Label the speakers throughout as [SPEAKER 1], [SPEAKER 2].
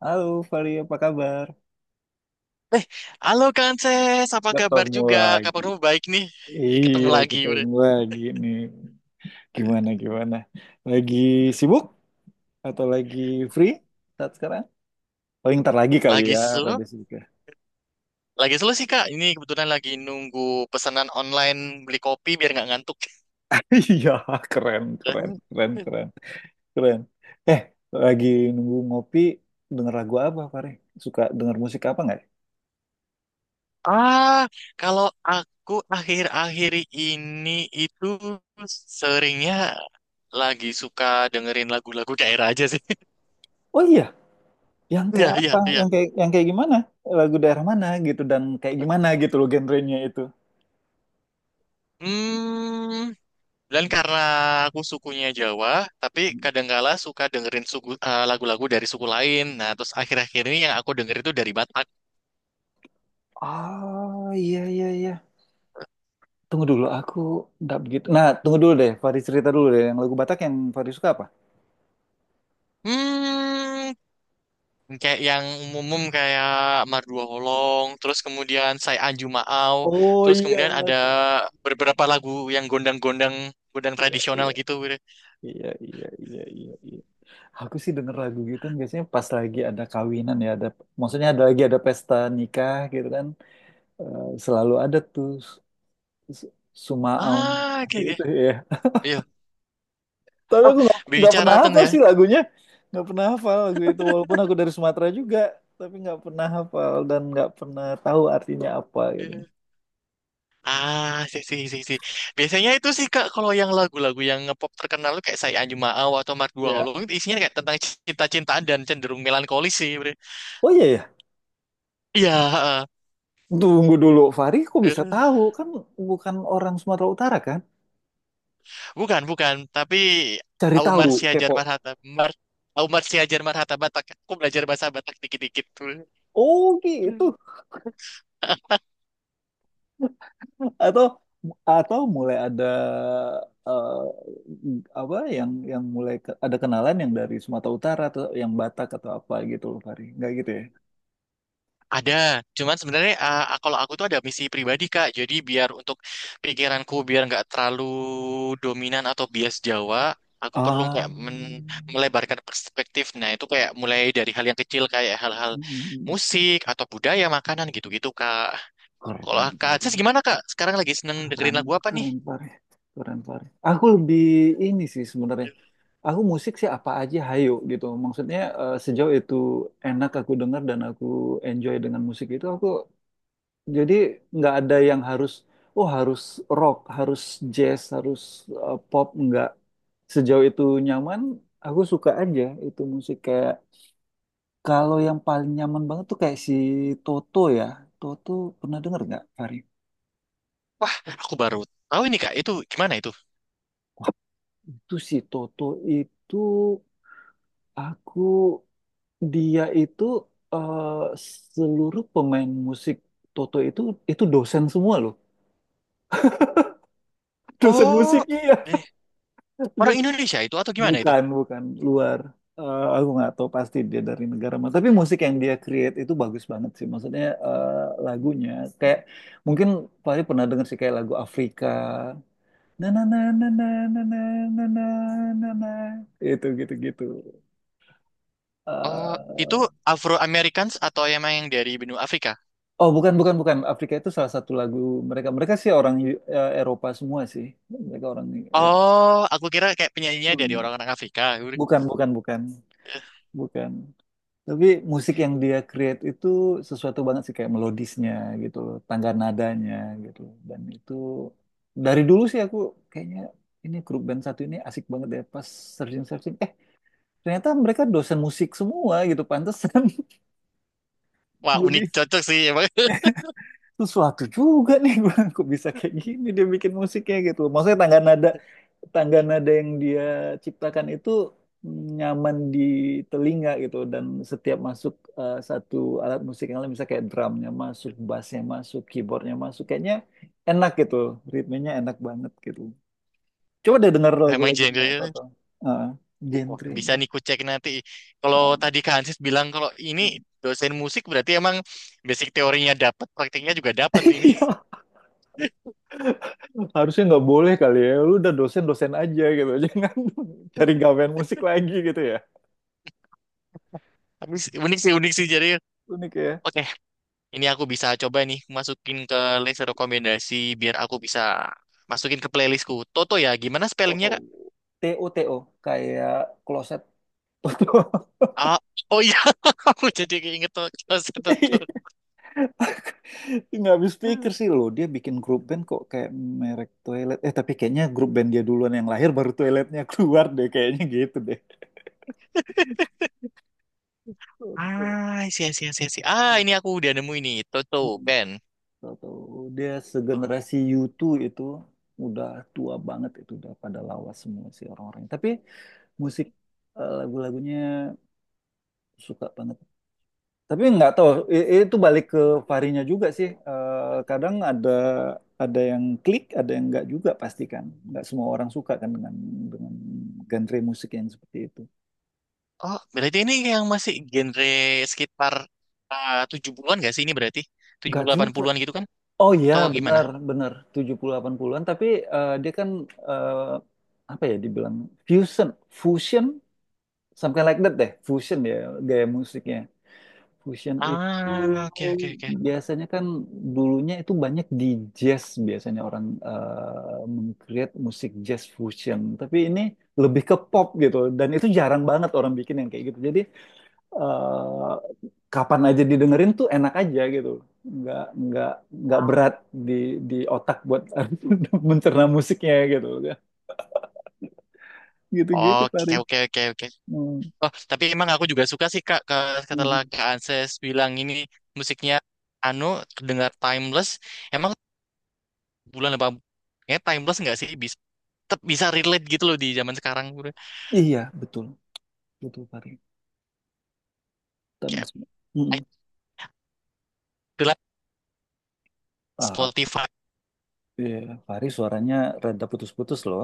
[SPEAKER 1] Halo Fali, apa kabar?
[SPEAKER 2] Halo Kanses, apa kabar
[SPEAKER 1] Ketemu
[SPEAKER 2] juga?
[SPEAKER 1] lagi.
[SPEAKER 2] Kabarmu baik nih. Ih, ketemu
[SPEAKER 1] Iya,
[SPEAKER 2] lagi udah.
[SPEAKER 1] ketemu lagi nih. Gimana, gimana? Lagi sibuk atau lagi free? Saat sekarang? Paling ntar lagi kali
[SPEAKER 2] Lagi
[SPEAKER 1] ya,
[SPEAKER 2] slow?
[SPEAKER 1] rada sibuk.
[SPEAKER 2] Lagi slow sih Kak. Ini kebetulan lagi nunggu pesanan online beli kopi biar nggak ngantuk.
[SPEAKER 1] Iya, keren, keren, keren, keren, keren. Eh, lagi nunggu ngopi, denger lagu apa, Fare? Suka denger musik apa nggak?
[SPEAKER 2] Ah, kalau aku akhir-akhir ini itu seringnya lagi suka dengerin lagu-lagu daerah aja sih.
[SPEAKER 1] Oh iya, yang
[SPEAKER 2] Iya,
[SPEAKER 1] kayak
[SPEAKER 2] iya,
[SPEAKER 1] apa?
[SPEAKER 2] iya.
[SPEAKER 1] Yang kayak gimana? Lagu daerah mana gitu dan kayak gimana gitu loh genrenya itu.
[SPEAKER 2] Hmm. Dan karena aku sukunya Jawa, tapi kadangkala suka dengerin lagu-lagu dari suku lain. Nah, terus akhir-akhir ini yang aku denger itu dari Batak.
[SPEAKER 1] Ah, iya, iya, iya. Tunggu dulu, aku nggak begitu. Nah, tunggu dulu deh. Faris cerita dulu deh. Yang lagu Batak yang Faris suka apa?
[SPEAKER 2] Hmm, Kayak yang umum kayak Mardua Holong, terus kemudian Sai Anju Maau,
[SPEAKER 1] Oh
[SPEAKER 2] terus
[SPEAKER 1] iya,
[SPEAKER 2] kemudian ada beberapa lagu yang gondang-gondang, gondang
[SPEAKER 1] iya,
[SPEAKER 2] tradisional
[SPEAKER 1] iya,
[SPEAKER 2] gitu.
[SPEAKER 1] iya, iya, iya, iya. Iya. Aku sih denger lagu gitu kan biasanya pas lagi ada kawinan ya. Maksudnya ada lagi ada pesta nikah gitu kan. Eh, selalu ada tuh s- Sumaung
[SPEAKER 2] Ah,
[SPEAKER 1] tadi
[SPEAKER 2] oke, oke.
[SPEAKER 1] itu ya.
[SPEAKER 2] Iya.
[SPEAKER 1] Tapi
[SPEAKER 2] Oh,
[SPEAKER 1] aku nggak pernah
[SPEAKER 2] bicara ten
[SPEAKER 1] hafal
[SPEAKER 2] ya.
[SPEAKER 1] sih lagunya. Nggak pernah hafal lagu itu. Walaupun aku dari Sumatera juga. Tapi nggak pernah hafal dan nggak pernah tahu artinya apa gitu.
[SPEAKER 2] Ah, sih, sih, sih, sih. Biasanya itu sih, Kak, kalau yang lagu-lagu yang ngepop terkenal lu kayak Say Anju Maau atau Mark Dua
[SPEAKER 1] Ya,
[SPEAKER 2] Hollow, itu isinya kayak tentang cinta-cintaan dan cenderung melankolis sih. Bre.
[SPEAKER 1] oh iya ya.
[SPEAKER 2] Iya, heeh.
[SPEAKER 1] Tunggu dulu, Fahri kok bisa
[SPEAKER 2] Eh,
[SPEAKER 1] tahu? Kan bukan orang Sumatera Utara kan?
[SPEAKER 2] bukan, bukan. Tapi
[SPEAKER 1] Cari
[SPEAKER 2] Aumar
[SPEAKER 1] tahu,
[SPEAKER 2] Siajar
[SPEAKER 1] kepo.
[SPEAKER 2] Marhata, Mar, Aumar Siajar Marhata Batak. Aku belajar bahasa Batak dikit-dikit.
[SPEAKER 1] Oh gitu. Atau atau mulai ada eh, apa yang mulai ada kenalan yang dari Sumatera Utara atau yang Batak atau apa gitu loh, Fahri. Nggak gitu ya?
[SPEAKER 2] Ada, cuman sebenarnya kalau aku tuh ada misi pribadi Kak. Jadi biar untuk pikiranku biar nggak terlalu dominan atau bias Jawa, aku perlu
[SPEAKER 1] Ah,
[SPEAKER 2] kayak
[SPEAKER 1] mm,
[SPEAKER 2] melebarkan perspektif. Nah itu kayak mulai dari hal yang kecil kayak hal-hal
[SPEAKER 1] mm, mm.
[SPEAKER 2] musik atau budaya, makanan gitu-gitu Kak. Kalau
[SPEAKER 1] Keren,
[SPEAKER 2] Kak
[SPEAKER 1] Fahri.
[SPEAKER 2] Aziz gimana Kak? Sekarang lagi seneng dengerin
[SPEAKER 1] Keren,
[SPEAKER 2] lagu apa nih?
[SPEAKER 1] keren Pare. Keren Pare. Aku lebih ini sih sebenarnya. Aku musik sih apa aja hayo gitu. Maksudnya sejauh itu enak aku dengar dan aku enjoy dengan musik itu, aku jadi nggak ada yang harus oh, harus rock, harus jazz, harus pop, nggak. Sejauh itu nyaman, aku suka aja itu musik. Kayak kalau yang paling nyaman banget tuh kayak si Toto ya. Toto, pernah denger nggak, Fari?
[SPEAKER 2] Wah, aku baru tahu ini Kak. Itu gimana itu?
[SPEAKER 1] Itu si Toto itu aku dia itu eh, seluruh pemain musik Toto itu dosen semua loh. Dosen musik
[SPEAKER 2] Oh,
[SPEAKER 1] iya.
[SPEAKER 2] eh, orang
[SPEAKER 1] Jadi
[SPEAKER 2] Indonesia itu atau gimana itu?
[SPEAKER 1] bukan bukan luar. Aku nggak tahu pasti dia dari negara mana. Tapi musik yang dia create itu bagus banget sih. Maksudnya lagunya kayak mungkin paling pernah denger sih kayak lagu Afrika. Na na na na na na na na na na na. Itu gitu gitu.
[SPEAKER 2] Oh, itu Afro Americans atau emang yang dari benua Afrika?
[SPEAKER 1] Oh, bukan, bukan, bukan. Afrika itu salah satu lagu mereka. Mereka sih orang Eropa semua sih. Mereka orang eh,
[SPEAKER 2] Oh, aku kira kayak penyanyinya dari
[SPEAKER 1] hmm,
[SPEAKER 2] orang-orang Afrika. Aku bilang,
[SPEAKER 1] bukan, bukan, bukan, bukan. Tapi musik yang dia create itu sesuatu banget sih, kayak melodisnya gitu loh, tangga nadanya gitu. Dan itu dari dulu sih aku kayaknya ini grup band satu ini asik banget deh. Pas searching searching, ternyata mereka dosen musik semua gitu, pantesan.
[SPEAKER 2] wah,
[SPEAKER 1] Jadi
[SPEAKER 2] unik cocok sih emang.
[SPEAKER 1] sesuatu juga nih. Gue kok bisa kayak gini, dia bikin musiknya gitu. Maksudnya tangga nada yang dia ciptakan itu nyaman di telinga gitu, dan setiap masuk satu alat musik yang lain misalnya kayak drumnya masuk, bassnya masuk, keyboardnya masuk, kayaknya enak gitu, ritmenya enak banget gitu. Coba deh denger
[SPEAKER 2] Emang
[SPEAKER 1] lagu-lagunya
[SPEAKER 2] genre-nya.
[SPEAKER 1] Toto. Ah,
[SPEAKER 2] Wah,
[SPEAKER 1] genre.
[SPEAKER 2] bisa nih ku cek nanti. Kalau
[SPEAKER 1] Ah.
[SPEAKER 2] tadi Kak Hansis bilang kalau ini dosen musik berarti emang basic teorinya dapat, praktiknya juga dapat ini.
[SPEAKER 1] Harusnya nggak boleh kali ya. Lu udah dosen-dosen aja gitu. Jangan cari gawean musik lagi gitu ya.
[SPEAKER 2] Tapi unik sih jadi.
[SPEAKER 1] Unik ya.
[SPEAKER 2] Oke, ini aku bisa coba nih masukin ke list rekomendasi biar aku bisa masukin ke playlistku. Toto ya, gimana spellingnya
[SPEAKER 1] Toto.
[SPEAKER 2] Kak?
[SPEAKER 1] T T O T O, kayak kloset. Toto.
[SPEAKER 2] Ah, oh iya, aku jadi keinget Toto.
[SPEAKER 1] Nggak habis
[SPEAKER 2] Toto.
[SPEAKER 1] pikir sih lo. Dia bikin grup band kok kayak merek toilet. Eh, tapi kayaknya grup band dia duluan yang lahir, baru toiletnya keluar deh. Kayaknya gitu deh. Toto.
[SPEAKER 2] Ah, sih, sih, sih, sih. Ah, ini aku udah nemu ini. Toto tuh, Ben.
[SPEAKER 1] Tahu-tahu dia segenerasi U2. Itu udah tua banget, itu udah pada lawas semua sih orang-orang. Tapi musik lagu-lagunya suka banget. Tapi nggak tahu, itu balik ke varinya juga sih. Kadang ada yang klik, ada yang nggak juga pasti kan. Nggak semua orang suka kan dengan dengan genre musik yang seperti itu.
[SPEAKER 2] Oh, berarti ini yang masih genre sekitar 70-an gak sih ini berarti? tujuh
[SPEAKER 1] Nggak
[SPEAKER 2] puluh delapan
[SPEAKER 1] juga.
[SPEAKER 2] 80-an gitu kan?
[SPEAKER 1] Oh iya,
[SPEAKER 2] Atau gimana?
[SPEAKER 1] benar,
[SPEAKER 2] Iya.
[SPEAKER 1] benar. 70-80-an, tapi dia kan eh, apa ya dibilang, fusion, fusion. Something like that deh, fusion ya gaya musiknya. Fusion itu
[SPEAKER 2] Ah, oke, oke, oke.
[SPEAKER 1] biasanya kan dulunya itu banyak di jazz, biasanya orang meng-create musik jazz fusion. Tapi ini lebih ke pop gitu, dan itu jarang banget orang bikin yang kayak gitu. Jadi eh, kapan aja didengerin tuh enak aja gitu. Nggak nggak nggak
[SPEAKER 2] Ah.
[SPEAKER 1] berat di otak buat mencerna musiknya gitu. Gitu-gitu
[SPEAKER 2] Oke,
[SPEAKER 1] Pari.
[SPEAKER 2] oke, oke, oke.
[SPEAKER 1] Hmm.
[SPEAKER 2] Oh, tapi emang aku juga suka sih, Kak, setelah
[SPEAKER 1] Mhm.
[SPEAKER 2] Kak Anses bilang ini musiknya anu, kedengar timeless. Emang bulan 80 ya timeless nggak sih? Tetap bisa relate gitu loh di zaman sekarang bro.
[SPEAKER 1] Iya, betul. Betul, Pari.
[SPEAKER 2] Kayak
[SPEAKER 1] Tamis. Mm.
[SPEAKER 2] itulah
[SPEAKER 1] Ah,
[SPEAKER 2] Spotify.
[SPEAKER 1] iya. Fahri suaranya rada putus-putus loh.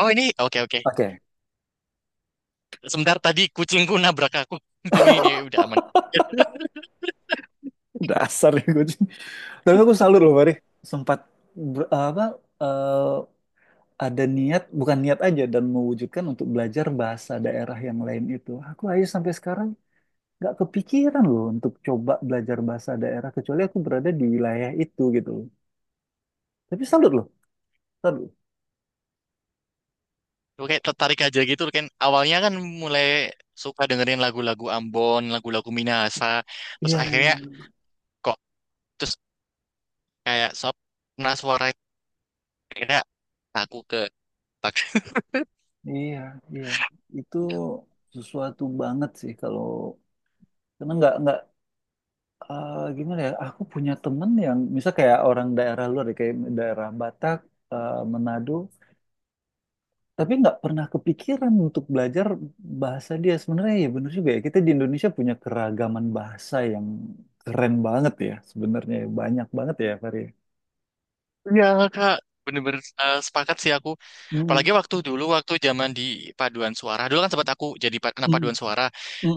[SPEAKER 2] Oh ini oke oke.
[SPEAKER 1] Oke.
[SPEAKER 2] Sebentar tadi kucingku nabrak aku. Ini udah aman.
[SPEAKER 1] Dasar nih kucing. Tapi aku salut loh Fahri. Sempat apa eh, ada niat, bukan niat aja dan mewujudkan untuk belajar bahasa daerah yang lain itu. Aku aja sampai sekarang nggak kepikiran loh untuk coba belajar bahasa daerah, kecuali aku berada di wilayah itu gitu loh. Tapi salut loh, salut.
[SPEAKER 2] Lu kayak tertarik aja gitu kan. Awalnya kan mulai suka dengerin lagu-lagu Ambon, lagu-lagu Minahasa. Terus
[SPEAKER 1] Iya, iya,
[SPEAKER 2] akhirnya kok terus kayak sob nah suara itu akhirnya aku ke.
[SPEAKER 1] iya, iya. Itu sesuatu banget sih, kalau karena nggak gimana ya? Aku punya temen yang misal kayak orang daerah luar deh, kayak daerah Batak, Manado, tapi nggak pernah kepikiran untuk belajar bahasa dia. Sebenarnya ya bener juga ya. Kita di Indonesia punya keragaman bahasa yang keren banget ya. Sebenarnya ya. Banyak banget ya, Fari.
[SPEAKER 2] Iya kak, bener-bener sepakat sih aku.
[SPEAKER 1] Mm-mm,
[SPEAKER 2] Apalagi waktu dulu, waktu zaman di paduan suara. Dulu kan sempat aku jadi anak
[SPEAKER 1] mm-mm,
[SPEAKER 2] paduan suara.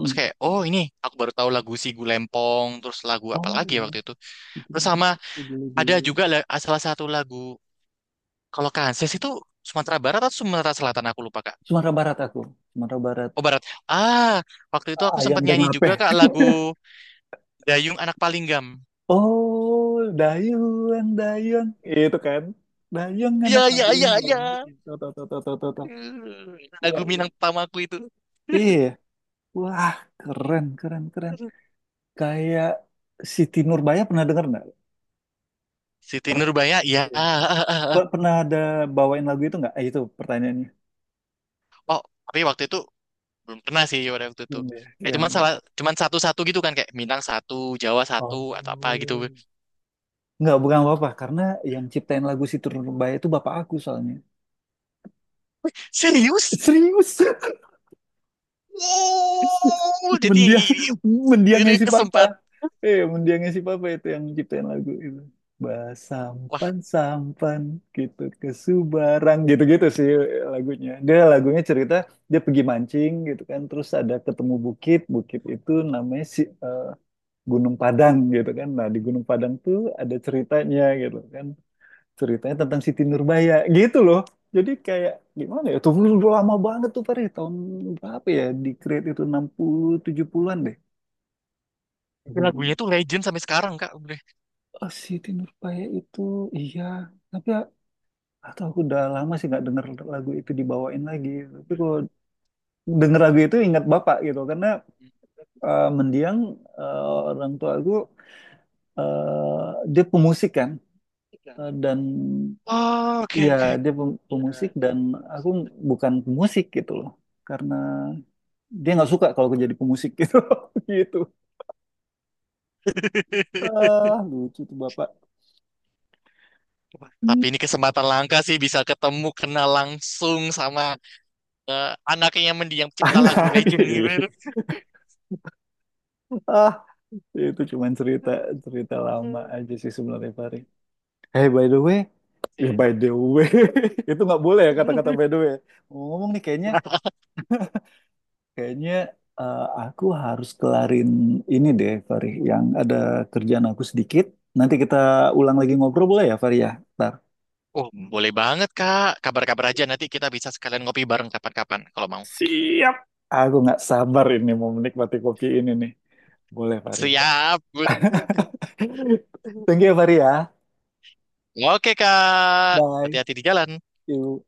[SPEAKER 2] Terus kayak, oh ini aku baru tahu lagu Sigu Lempong, terus lagu apa
[SPEAKER 1] Oh
[SPEAKER 2] lagi ya
[SPEAKER 1] iya,
[SPEAKER 2] waktu itu.
[SPEAKER 1] gitu.
[SPEAKER 2] Terus sama
[SPEAKER 1] Boleh,
[SPEAKER 2] ada
[SPEAKER 1] boleh.
[SPEAKER 2] juga salah satu lagu, kalau Kanses itu Sumatera Barat atau Sumatera Selatan aku lupa kak.
[SPEAKER 1] Sumatera Barat aku, Sumatera Barat,
[SPEAKER 2] Oh Barat. Ah, Waktu itu aku
[SPEAKER 1] ayam
[SPEAKER 2] sempat
[SPEAKER 1] dan
[SPEAKER 2] nyanyi
[SPEAKER 1] lape.
[SPEAKER 2] juga kak lagu Dayung Anak Palinggam.
[SPEAKER 1] Oh, Dayung, Dayung. Itu kan. Dayung
[SPEAKER 2] Iya,
[SPEAKER 1] anak
[SPEAKER 2] iya,
[SPEAKER 1] paling
[SPEAKER 2] iya, iya.
[SPEAKER 1] kamu. Tuh, tuh, tuh, tuh, tuh, tuh, tuh.
[SPEAKER 2] Eh,
[SPEAKER 1] Iya.
[SPEAKER 2] lagu Minang pertamaku itu.
[SPEAKER 1] Iya. Wah, keren, keren, keren. Kayak Siti Nurbaya, pernah denger nggak?
[SPEAKER 2] Siti Nurbaya, ya.
[SPEAKER 1] Iya. Pernah ada bawain lagu itu nggak? Eh, itu pertanyaannya.
[SPEAKER 2] Oh, tapi waktu itu belum pernah sih pada waktu itu.
[SPEAKER 1] Belum ya?
[SPEAKER 2] Kayak
[SPEAKER 1] Yang,
[SPEAKER 2] cuman satu-satu gitu kan kayak Minang satu, Jawa satu atau apa
[SPEAKER 1] oh.
[SPEAKER 2] gitu.
[SPEAKER 1] Nggak, bukan apa-apa. Karena yang ciptain lagu Siti Nurbaya itu bapak aku soalnya.
[SPEAKER 2] Serius?
[SPEAKER 1] Serius?
[SPEAKER 2] Wow, jadi
[SPEAKER 1] Mendiang, mendiangnya
[SPEAKER 2] ini
[SPEAKER 1] si Papa.
[SPEAKER 2] kesempatan.
[SPEAKER 1] Mendiangnya si Papa itu yang ciptain lagu itu.
[SPEAKER 2] Wah,
[SPEAKER 1] Basampan, sampan sampan gitu ke Subarang, gitu-gitu sih lagunya. Dia lagunya cerita dia pergi mancing gitu kan, terus ada ketemu bukit, bukit itu namanya Gunung Padang gitu kan. Nah, di Gunung Padang tuh ada ceritanya gitu kan, ceritanya tentang Siti Nurbaya gitu loh. Jadi kayak gimana ya, tuh dulu lama banget tuh Fahri, tahun berapa ya di create itu, 60 70-an deh.
[SPEAKER 2] itu lagunya tuh legend sampai sekarang Kak. Udah.
[SPEAKER 1] Oh, Siti Nurbaya itu iya, tapi ya, atau aku udah lama sih nggak denger lagu itu dibawain lagi. Tapi kalau denger lagu itu ingat bapak gitu, karena mendiang orang tua aku eh, dia pemusik kan. Dan
[SPEAKER 2] Oh, oke
[SPEAKER 1] iya,
[SPEAKER 2] oke.
[SPEAKER 1] dia pem-
[SPEAKER 2] Iya,
[SPEAKER 1] pemusik dan
[SPEAKER 2] terus-
[SPEAKER 1] aku bukan pemusik gitu loh. Karena dia nggak suka kalau gue jadi pemusik gitu. Gitu. Ah, lucu tuh bapak. Hmm,
[SPEAKER 2] Tapi ini kesempatan langka sih bisa ketemu kenal langsung sama eh, anaknya yang mendiang pencipta lagu
[SPEAKER 1] anak.
[SPEAKER 2] legend
[SPEAKER 1] Ah, itu cuman cerita cerita lama aja sih sebenarnya Farid. Hey, by the way ya, by the way. Itu nggak boleh ya, kata-kata
[SPEAKER 2] gitu.
[SPEAKER 1] by the way ngomong nih. Kayaknya kayaknya eh, aku harus kelarin ini deh Farid. Yang ada kerjaan aku sedikit, nanti kita ulang lagi ngobrol boleh ya Farid ya. Ntar.
[SPEAKER 2] Oh, boleh banget, Kak. Kabar-kabar aja nanti kita bisa sekalian ngopi bareng kapan-kapan kalau mau.
[SPEAKER 1] Siap. Aku nggak sabar ini mau menikmati kopi ini nih. Boleh, Farid.
[SPEAKER 2] Siap.
[SPEAKER 1] Thank you, Fahri ya.
[SPEAKER 2] Oke, Kak.
[SPEAKER 1] Bye.
[SPEAKER 2] Hati-hati di jalan.
[SPEAKER 1] See you.